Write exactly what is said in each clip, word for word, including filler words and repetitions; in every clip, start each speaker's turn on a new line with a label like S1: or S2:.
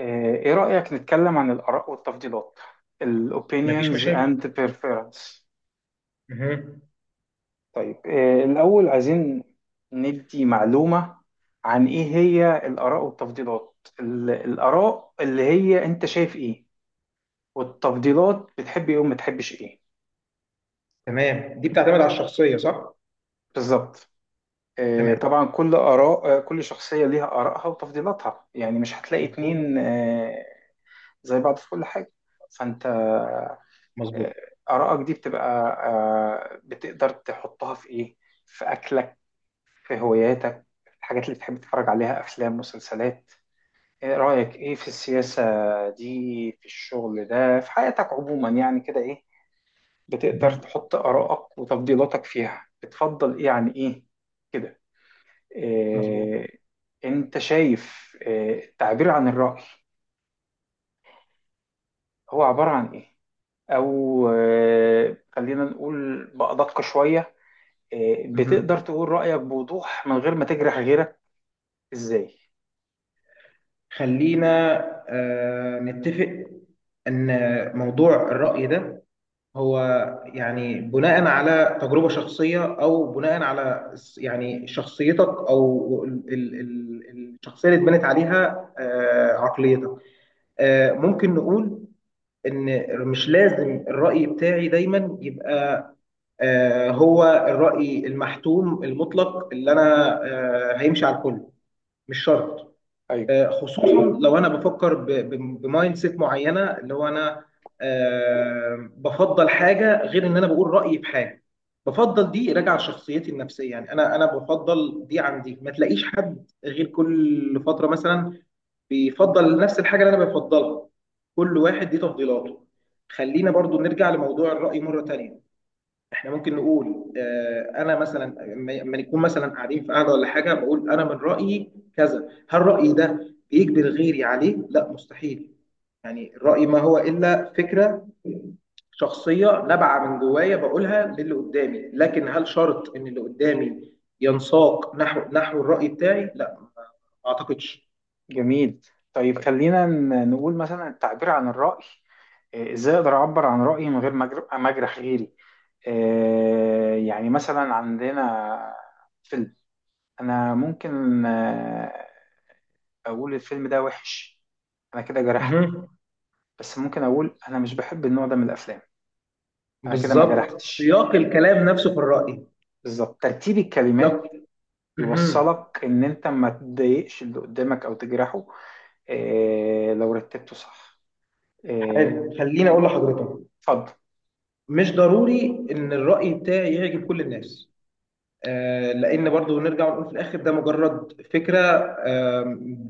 S1: آه، ايه رأيك نتكلم عن الآراء والتفضيلات ال
S2: مفيش
S1: opinions
S2: مشاكل.
S1: and preference؟
S2: مهم.
S1: طيب إيه الأول عايزين ندي معلومة عن ايه هي الآراء والتفضيلات، ال- الآراء اللي هي انت شايف ايه، والتفضيلات بتحب ايه وما تحبش ايه.
S2: تمام، دي بتعتمد على الشخصية، صح؟
S1: بالظبط. إيه
S2: تمام.
S1: طبعا، كل آراء آه، كل شخصية ليها آرائها وتفضيلاتها، يعني مش هتلاقي
S2: مظبوط،
S1: اتنين آه، زي بعض في كل حاجة. فانت
S2: مظبوط.
S1: آه، آرائك دي بتبقى، آه، بتقدر تحطها في إيه؟ في أكلك، في هواياتك، في الحاجات اللي بتحب تتفرج عليها، أفلام مسلسلات. إيه رأيك إيه في السياسة دي، في الشغل ده، في حياتك عموما، يعني كده إيه بتقدر
S2: مهم.
S1: تحط آرائك وتفضيلاتك فيها، بتفضل إيه عن إيه، كده
S2: مظبوط.
S1: إيه. أنت شايف إيه التعبير عن الرأي، هو عبارة عن إيه؟ أو آه، خلينا نقول بأدق شوية، آه، بتقدر
S2: مهم.
S1: تقول رأيك بوضوح من غير ما تجرح غيرك؟ ازاي؟
S2: خلينا آه نتفق ان موضوع الرأي ده هو، يعني، بناء على تجربة شخصية او بناء على س- يعني شخصيتك او ال- ال- ال- الشخصية اللي اتبنت عليها آه عقليتك. آه ممكن نقول ان مش لازم الرأي بتاعي دايما يبقى آه، هو الرأي المحتوم المطلق اللي أنا آه، هيمشي على الكل. مش شرط.
S1: طيب.
S2: آه، خصوصا لو أنا بفكر ب- ب- بمايند سيت معينة، اللي هو أنا آه، بفضل حاجة غير إن أنا بقول رأيي بحاجة. بفضل دي راجعة لشخصيتي النفسية. يعني أنا أنا بفضل دي عن دي، ما تلاقيش حد غير كل فترة مثلا بيفضل نفس الحاجة اللي أنا بفضلها. كل واحد دي تفضيلاته. خلينا برضو نرجع لموضوع الرأي مرة تانية. احنا ممكن نقول، آه، انا مثلا لما لما نكون مثلا قاعدين في قعده ولا حاجه، بقول انا من رايي كذا. هل رايي ده بيجبر غيري عليه؟ لا، مستحيل. يعني الراي ما هو الا فكره شخصيه نابعه من جوايا، بقولها للي قدامي. لكن هل شرط ان اللي قدامي ينساق نحو نحو الراي بتاعي؟ لا، ما اعتقدش.
S1: جميل. طيب خلينا ن- نقول مثلا التعبير عن الرأي، آه، ازاي اقدر اعبر عن رأيي من غير ما أجر- ما اجرح غيري. آه، يعني مثلا عندنا فيلم، انا ممكن آه، اقول الفيلم ده وحش، انا كده جرحت.
S2: مهم.
S1: بس ممكن اقول انا مش بحب النوع ده من الافلام، انا كده ما
S2: بالظبط،
S1: جرحتش.
S2: سياق الكلام نفسه في الراي.
S1: بالظبط، ترتيب الكلمات
S2: يق- مهم.
S1: يوصلك ان انت ما تضايقش اللي قدامك او تجرحه، إيه لو رتبته صح. إيه
S2: حلو، خليني اقول
S1: يعني،
S2: لحضرتك،
S1: اتفضل.
S2: مش ضروري ان الرأي بتاعي يعجب كل الناس. آه، لان برضو نرجع ونقول في الاخر ده مجرد فكرة، آه،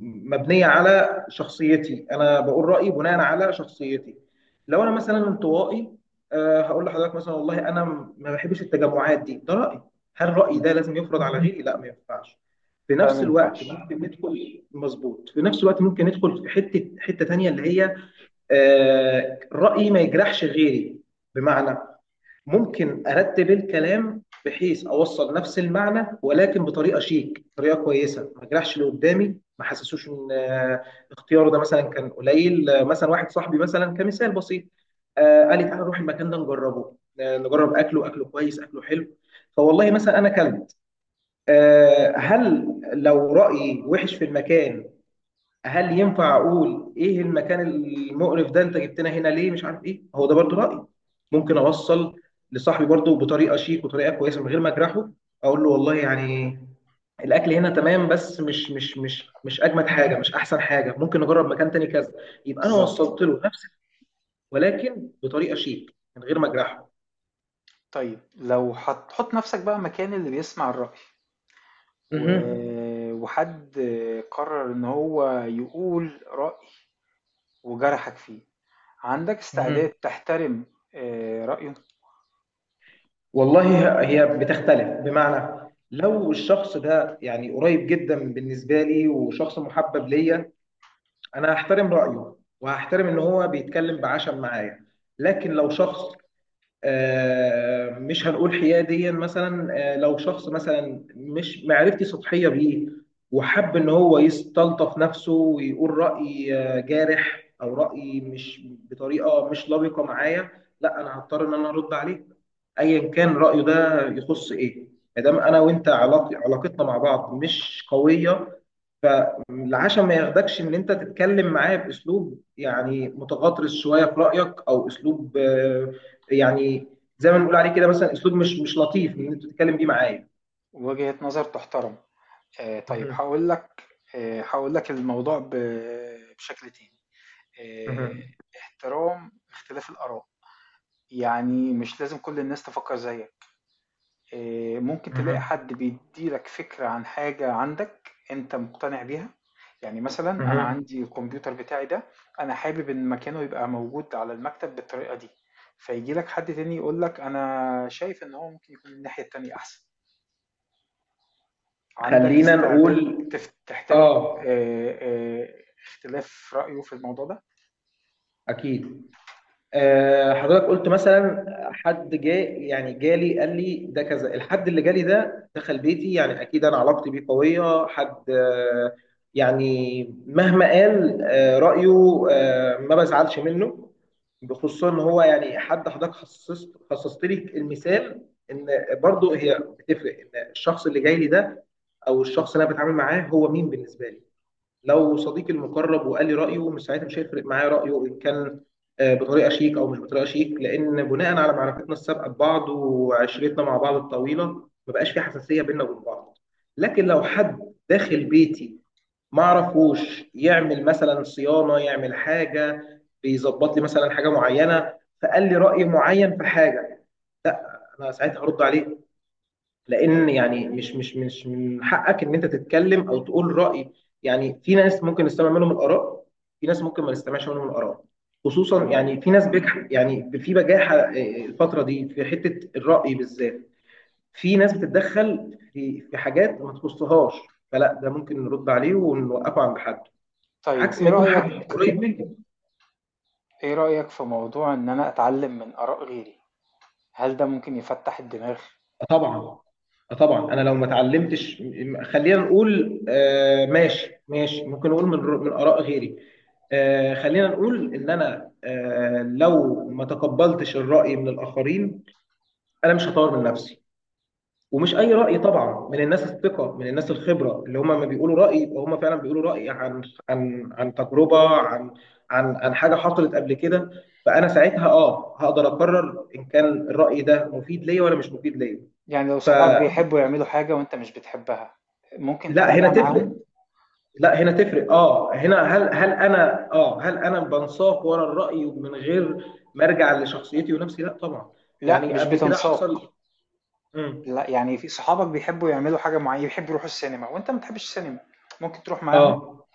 S2: مبنية على شخصيتي. انا بقول رأيي بناء على شخصيتي. لو انا مثلا انطوائي، آه، هقول لحضرتك مثلا والله انا ما بحبش التجمعات دي، ده رأيي. هل رأيي
S1: مم.
S2: ده لازم يفرض على غيري؟ لا، ما ينفعش. في
S1: ده ما
S2: نفس الوقت
S1: ينفعش.
S2: ممكن ندخل. مظبوط. في نفس الوقت ممكن ندخل في حتة حتة تانية، اللي هي آه، رأيي ما يجرحش غيري. بمعنى، ممكن ارتب الكلام بحيث اوصل نفس المعنى، ولكن بطريقه شيك، طريقه كويسه، ما اجرحش اللي قدامي، ما حسسوش ان آه، اختياره ده مثلا كان قليل. آه، مثلا واحد صاحبي، مثلا كمثال بسيط، آه، قال لي تعالى نروح المكان ده نجربه، آه، نجرب اكله، اكله كويس، اكله حلو. فوالله مثلا انا كلت. آه، هل لو رايي وحش في المكان، هل ينفع اقول ايه المكان المقرف ده، انت جبتنا هنا ليه، مش عارف ايه، هو ده برضو رايي. ممكن اوصل لصاحبي برضو بطريقه شيك وطريقه كويسه، من غير ما اجرحه. اقول له والله يعني الاكل هنا تمام، بس مش مش مش مش اجمد حاجه، مش احسن حاجه، ممكن نجرب مكان تاني كذا. يبقى انا
S1: بالظبط.
S2: وصلت له نفس، ولكن بطريقه شيك من غير ما اجرحه.
S1: طيب لو هتحط نفسك بقى مكان اللي بيسمع الرأي و...
S2: مهم.
S1: وحد قرر ان هو يقول رأي وجرحك فيه، عندك استعداد
S2: مهم.
S1: تحترم آه، رأيه
S2: والله، هي هي بتختلف بمعنى، لو الشخص ده يعني قريب جدا بالنسبه لي وشخص محبب ليا، انا هحترم رايه، وهحترم ان هو بيتكلم بعشم معايا. لكن لو شخص، آه، مش هنقول حnenيا مثلا، آه، لو شخص مثلا مش معرفتي سطحيه بيه، وحب ان هو يستلطف نفسه ويقول راي آه، جارح، او راي مش بطريقه، مش لبقه معايا. لا، انا هضطر ان انا ارد عليه، ايا كان رايه ده يخص ايه، ما دام انا وانت علاق- علاقتنا مع بعض مش قويه. العشاء ما ياخدكش ان انت تتكلم معاه باسلوب يعني متغطرس شويه في رايك، او اسلوب، آه، يعني زي ما بنقول عليه كده مثلا، اسلوب مش مش لطيف ان انت تتكلم بيه معاه.
S1: ووجهة نظر تحترم؟ آه، طيب
S2: مهم.
S1: هقول لك، آه، هقول لك الموضوع ب- بشكل تاني. آآ،
S2: مهم.
S1: احترام اختلاف الآراء، يعني مش لازم كل الناس تفكّر زيّك، آآ، ممكن تلاقي
S2: مهم.
S1: حد بيدّي لك فكرة عن حاجة عندك أنت مقتنع بيها. يعني مثلًا أنا
S2: مهم.
S1: عندي الكمبيوتر بتاعي ده، أنا حابب إن مكانه يبقى موجود على المكتب بالطريقة دي، فييجي لك حد تاني يقول لك أنا شايف إن هو ممكن يكون الناحية التانية أحسن، عندك
S2: خلينا نقول.
S1: استعداد تف تحترم
S2: اه،
S1: آآ، آآ، اختلاف رأيه في الموضوع ده؟
S2: اكيد. آه، حضرتك قلت مثلا حد جاي، يعني جالي قال لي ده كذا. الحد اللي جالي ده دخل بيتي، يعني اكيد انا علاقتي بيه قويه. حد، آه، يعني مهما قال آه، رايه، آه، ما بزعلش منه. بخصوصا ان هو يعني حد، حضرتك خصصت خصصت لي المثال ان برضو هي بتفرق، ان الشخص اللي جاي لي ده او الشخص اللي انا بتعامل معاه هو مين بالنسبه لي. لو صديقي المقرب وقال لي رأيه، مش ساعتها مش هيفرق معايا رأيه إن كان آه، بطريقة شيك أو مش بطريقة شيك، لأن بناء على معرفتنا السابقة ببعض وعشرتنا مع بعض الطويلة، ما بقاش في حساسية بيننا وبين بعض. لكن لو حد داخل بيتي ما أعرفوش، يعمل مثلا صيانة، يعمل حاجة، بيظبط لي مثلا حاجة معينة، فقال لي رأي معين في حاجة، لا، أنا ساعتها هرد عليه. لان يعني مش مش مش من حقك ان انت تتكلم او تقول راي. يعني في ناس ممكن نستمع منهم الاراء، في ناس ممكن ما نستمعش منهم الاراء. خصوصا
S1: تمام.
S2: يعني في ناس بجح، يعني في بجاحه آه، الفتره دي في حته الراي بالذات. في ناس بتتدخل في في حاجات ما تخصهاش، فلا، ده ممكن نرد عليه ونوقفه عند حد،
S1: طيب
S2: عكس ما
S1: إيه
S2: يكون
S1: رأيك
S2: حد قريب منك.
S1: ايه رأيك في موضوع ان انا اتعلم من آراء غيري، هل ده ممكن يفتح الدماغ؟
S2: طبعا، طبعا. انا لو ما اتعلمتش، م- خلينا نقول آه، ماشي ماشي، ممكن نقول من من اراء غيري. آه، خلينا نقول ان انا، آه، لو ما تقبلتش الراي من الاخرين، انا مش هطور من نفسي. ومش اي راي طبعا، من الناس الثقه، من الناس الخبره، اللي هم ما بيقولوا راي يبقى هم فعلا بيقولوا راي عن عن عن تجربه، عن عن عن حاجه حصلت قبل كده. فانا ساعتها، اه هقدر اقرر ان كان الراي ده مفيد ليا ولا مش مفيد ليا.
S1: يعني لو
S2: ف
S1: صحابك بيحبوا يعملوا حاجة وانت مش بتحبها، ممكن
S2: لا، هنا
S1: تعملها
S2: تفرق،
S1: معاهم؟
S2: لا، هنا تفرق. اه هنا، هل هل انا، اه هل انا بنساق ورا الرأي، ومن غير ما ارجع لشخصيتي ونفسي؟ لا، طبعا.
S1: لا
S2: يعني
S1: مش
S2: قبل كده حصل.
S1: بتنساق.
S2: مم.
S1: لا يعني في صحابك بيحبوا يعملوا حاجة معينة، يحبوا يروحوا السينما وانت ما بتحبش السينما، ممكن تروح معاهم؟
S2: اه،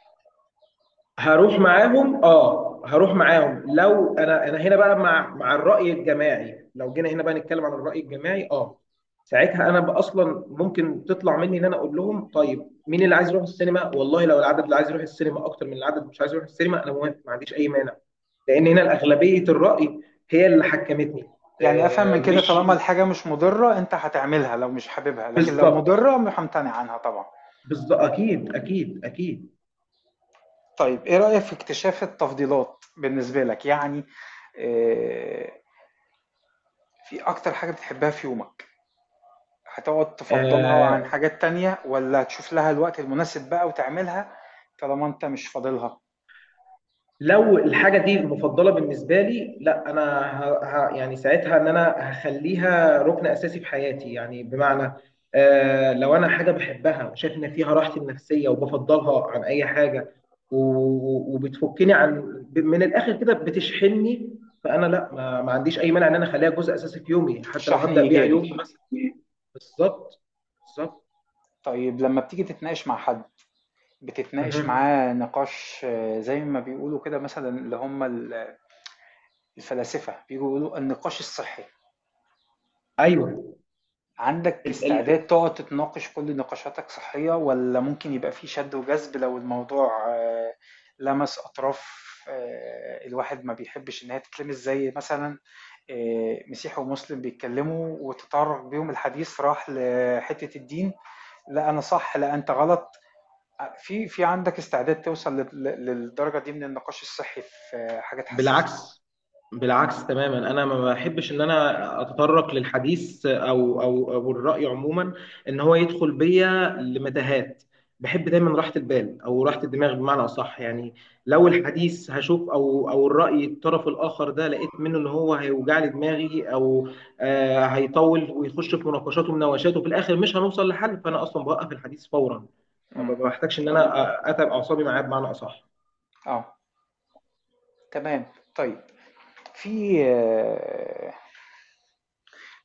S2: هروح معاهم، اه، هروح معاهم. لو انا انا هنا بقى مع مع الرأي الجماعي، لو جينا هنا بقى نتكلم عن الرأي الجماعي. اه ساعتها انا بقى اصلا ممكن تطلع مني ان انا اقول لهم طيب مين اللي عايز يروح السينما؟ والله لو العدد اللي عايز يروح السينما اكتر من العدد مش عايز يروح السينما، انا موافق، ما عنديش اي مانع. لان هنا الاغلبيه الراي هي اللي حكمتني.
S1: يعني افهم
S2: آه،
S1: من كده،
S2: مش
S1: طالما الحاجة مش مضرة انت هتعملها لو مش حاببها، لكن لو
S2: بالظبط،
S1: مضرة همتنع عنها طبعا.
S2: بالظبط، اكيد، اكيد، اكيد.
S1: طيب ايه رأيك في اكتشاف التفضيلات بالنسبة لك؟ يعني، آه، في اكتر حاجة بتحبها في يومك، هتقعد تفضلها عن
S2: آه،
S1: حاجات تانية ولا تشوف لها الوقت المناسب بقى وتعملها طالما انت مش فاضلها؟
S2: لو الحاجه دي مفضله بالنسبه لي، لا انا، ه... ه... يعني ساعتها ان انا هخليها ركن اساسي في حياتي، يعني بمعنى، آه لو انا حاجه بحبها وشايف ان فيها راحتي النفسيه وبفضلها عن اي حاجه، و... وبتفكني عن، ب- من الاخر كده بتشحنني. فانا لا، ما... ما عنديش اي مانع ان انا اخليها جزء اساسي في يومي، حتى لو
S1: شحن
S2: هبدا بيها
S1: ايجابي.
S2: يومي مثلا. بالظبط، بالظبط.
S1: طيب لما بتيجي تتناقش مع حد، بتتناقش
S2: مهم.
S1: معاه نقاش آه، زي ما بيقولوا كده مثلا، اللي هم ال- الفلاسفة بيجوا يقولوا النقاش الصحي،
S2: ايوه.
S1: عندك استعداد تقعد تتناقش كل نقاشاتك صحية ولا ممكن يبقى في شد وجذب لو الموضوع آه، لمس أطراف آه، الواحد ما بيحبش إن هي تتلمس؟ زي مثلا آه، مسيحي ومسلم بيتكلموا وتطرق بيهم الحديث راح لحتة الدين، لا أنا صح لا أنت غلط، في في عندك استعداد توصل لل- للدرجة دي من النقاش الصحي في آه، حاجات حساسة؟
S2: بالعكس، بالعكس تماما. انا ما بحبش ان انا اتطرق للحديث او او او الراي عموما، ان هو يدخل بيا لمتاهات. بحب دايما راحه البال او راحه الدماغ بمعنى اصح. يعني لو الحديث هشوف او او الراي الطرف الاخر ده، لقيت منه ان هو هيوجع لي دماغي، او آه هيطول ويخش في مناقشات ومناوشات، وفي الاخر مش هنوصل لحل، فانا اصلا بوقف الحديث فورا. ما
S1: امم.
S2: بحتاجش ان انا اتعب اعصابي معاه بمعنى اصح.
S1: اه، تمام. طيب في آه،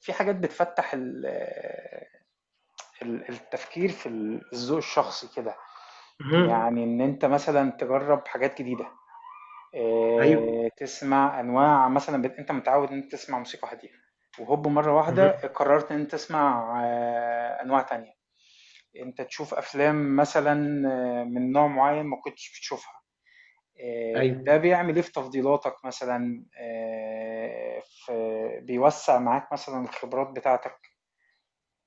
S1: في حاجات بتفتح ال- ال- التفكير في الذوق الشخصي كده،
S2: مهم.
S1: يعني ان انت مثلا تجرب حاجات جديده،
S2: ايوه.
S1: آه، تسمع انواع مثلا، بت- انت متعود ان انت تسمع موسيقى هاديه وهوب مره واحده
S2: مهم.
S1: قررت ان انت تسمع آه، انواع تانية، انت تشوف افلام مثلا آه، من نوع معين ما كنتش بتشوفها، آه،
S2: ايوه.
S1: ده بيعمل ايه في تفضيلاتك مثلا؟ آه، في بيوسع معاك مثلا الخبرات بتاعتك؟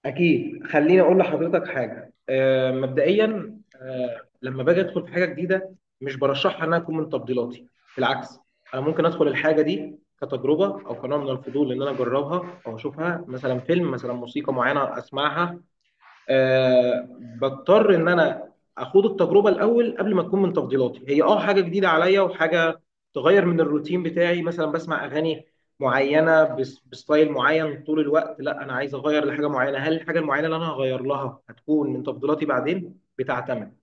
S2: اكيد. خليني اقول لحضرتك حاجه، آه، مبدئيا، آه، لما باجي ادخل في حاجه جديده، مش برشحها انها تكون من تفضيلاتي. بالعكس، انا ممكن ادخل الحاجه دي كتجربه او كنوع من الفضول، ان انا اجربها او اشوفها، مثلا فيلم، مثلا موسيقى معينه اسمعها. آه بضطر ان انا اخوض التجربه الاول قبل ما تكون من تفضيلاتي. هي اه حاجه جديده عليا وحاجه تغير من الروتين بتاعي. مثلا بسمع اغاني معينه، بس- بستايل معين طول الوقت، لا انا عايز اغير لحاجه معينه. هل الحاجه المعينه اللي انا هغير لها هتكون من تفضيلاتي بعدين؟ بتعتمد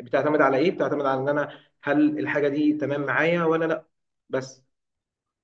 S2: بتعتمد على ايه؟ بتعتمد على ان انا، هل الحاجه دي تمام معايا ولا لا. بس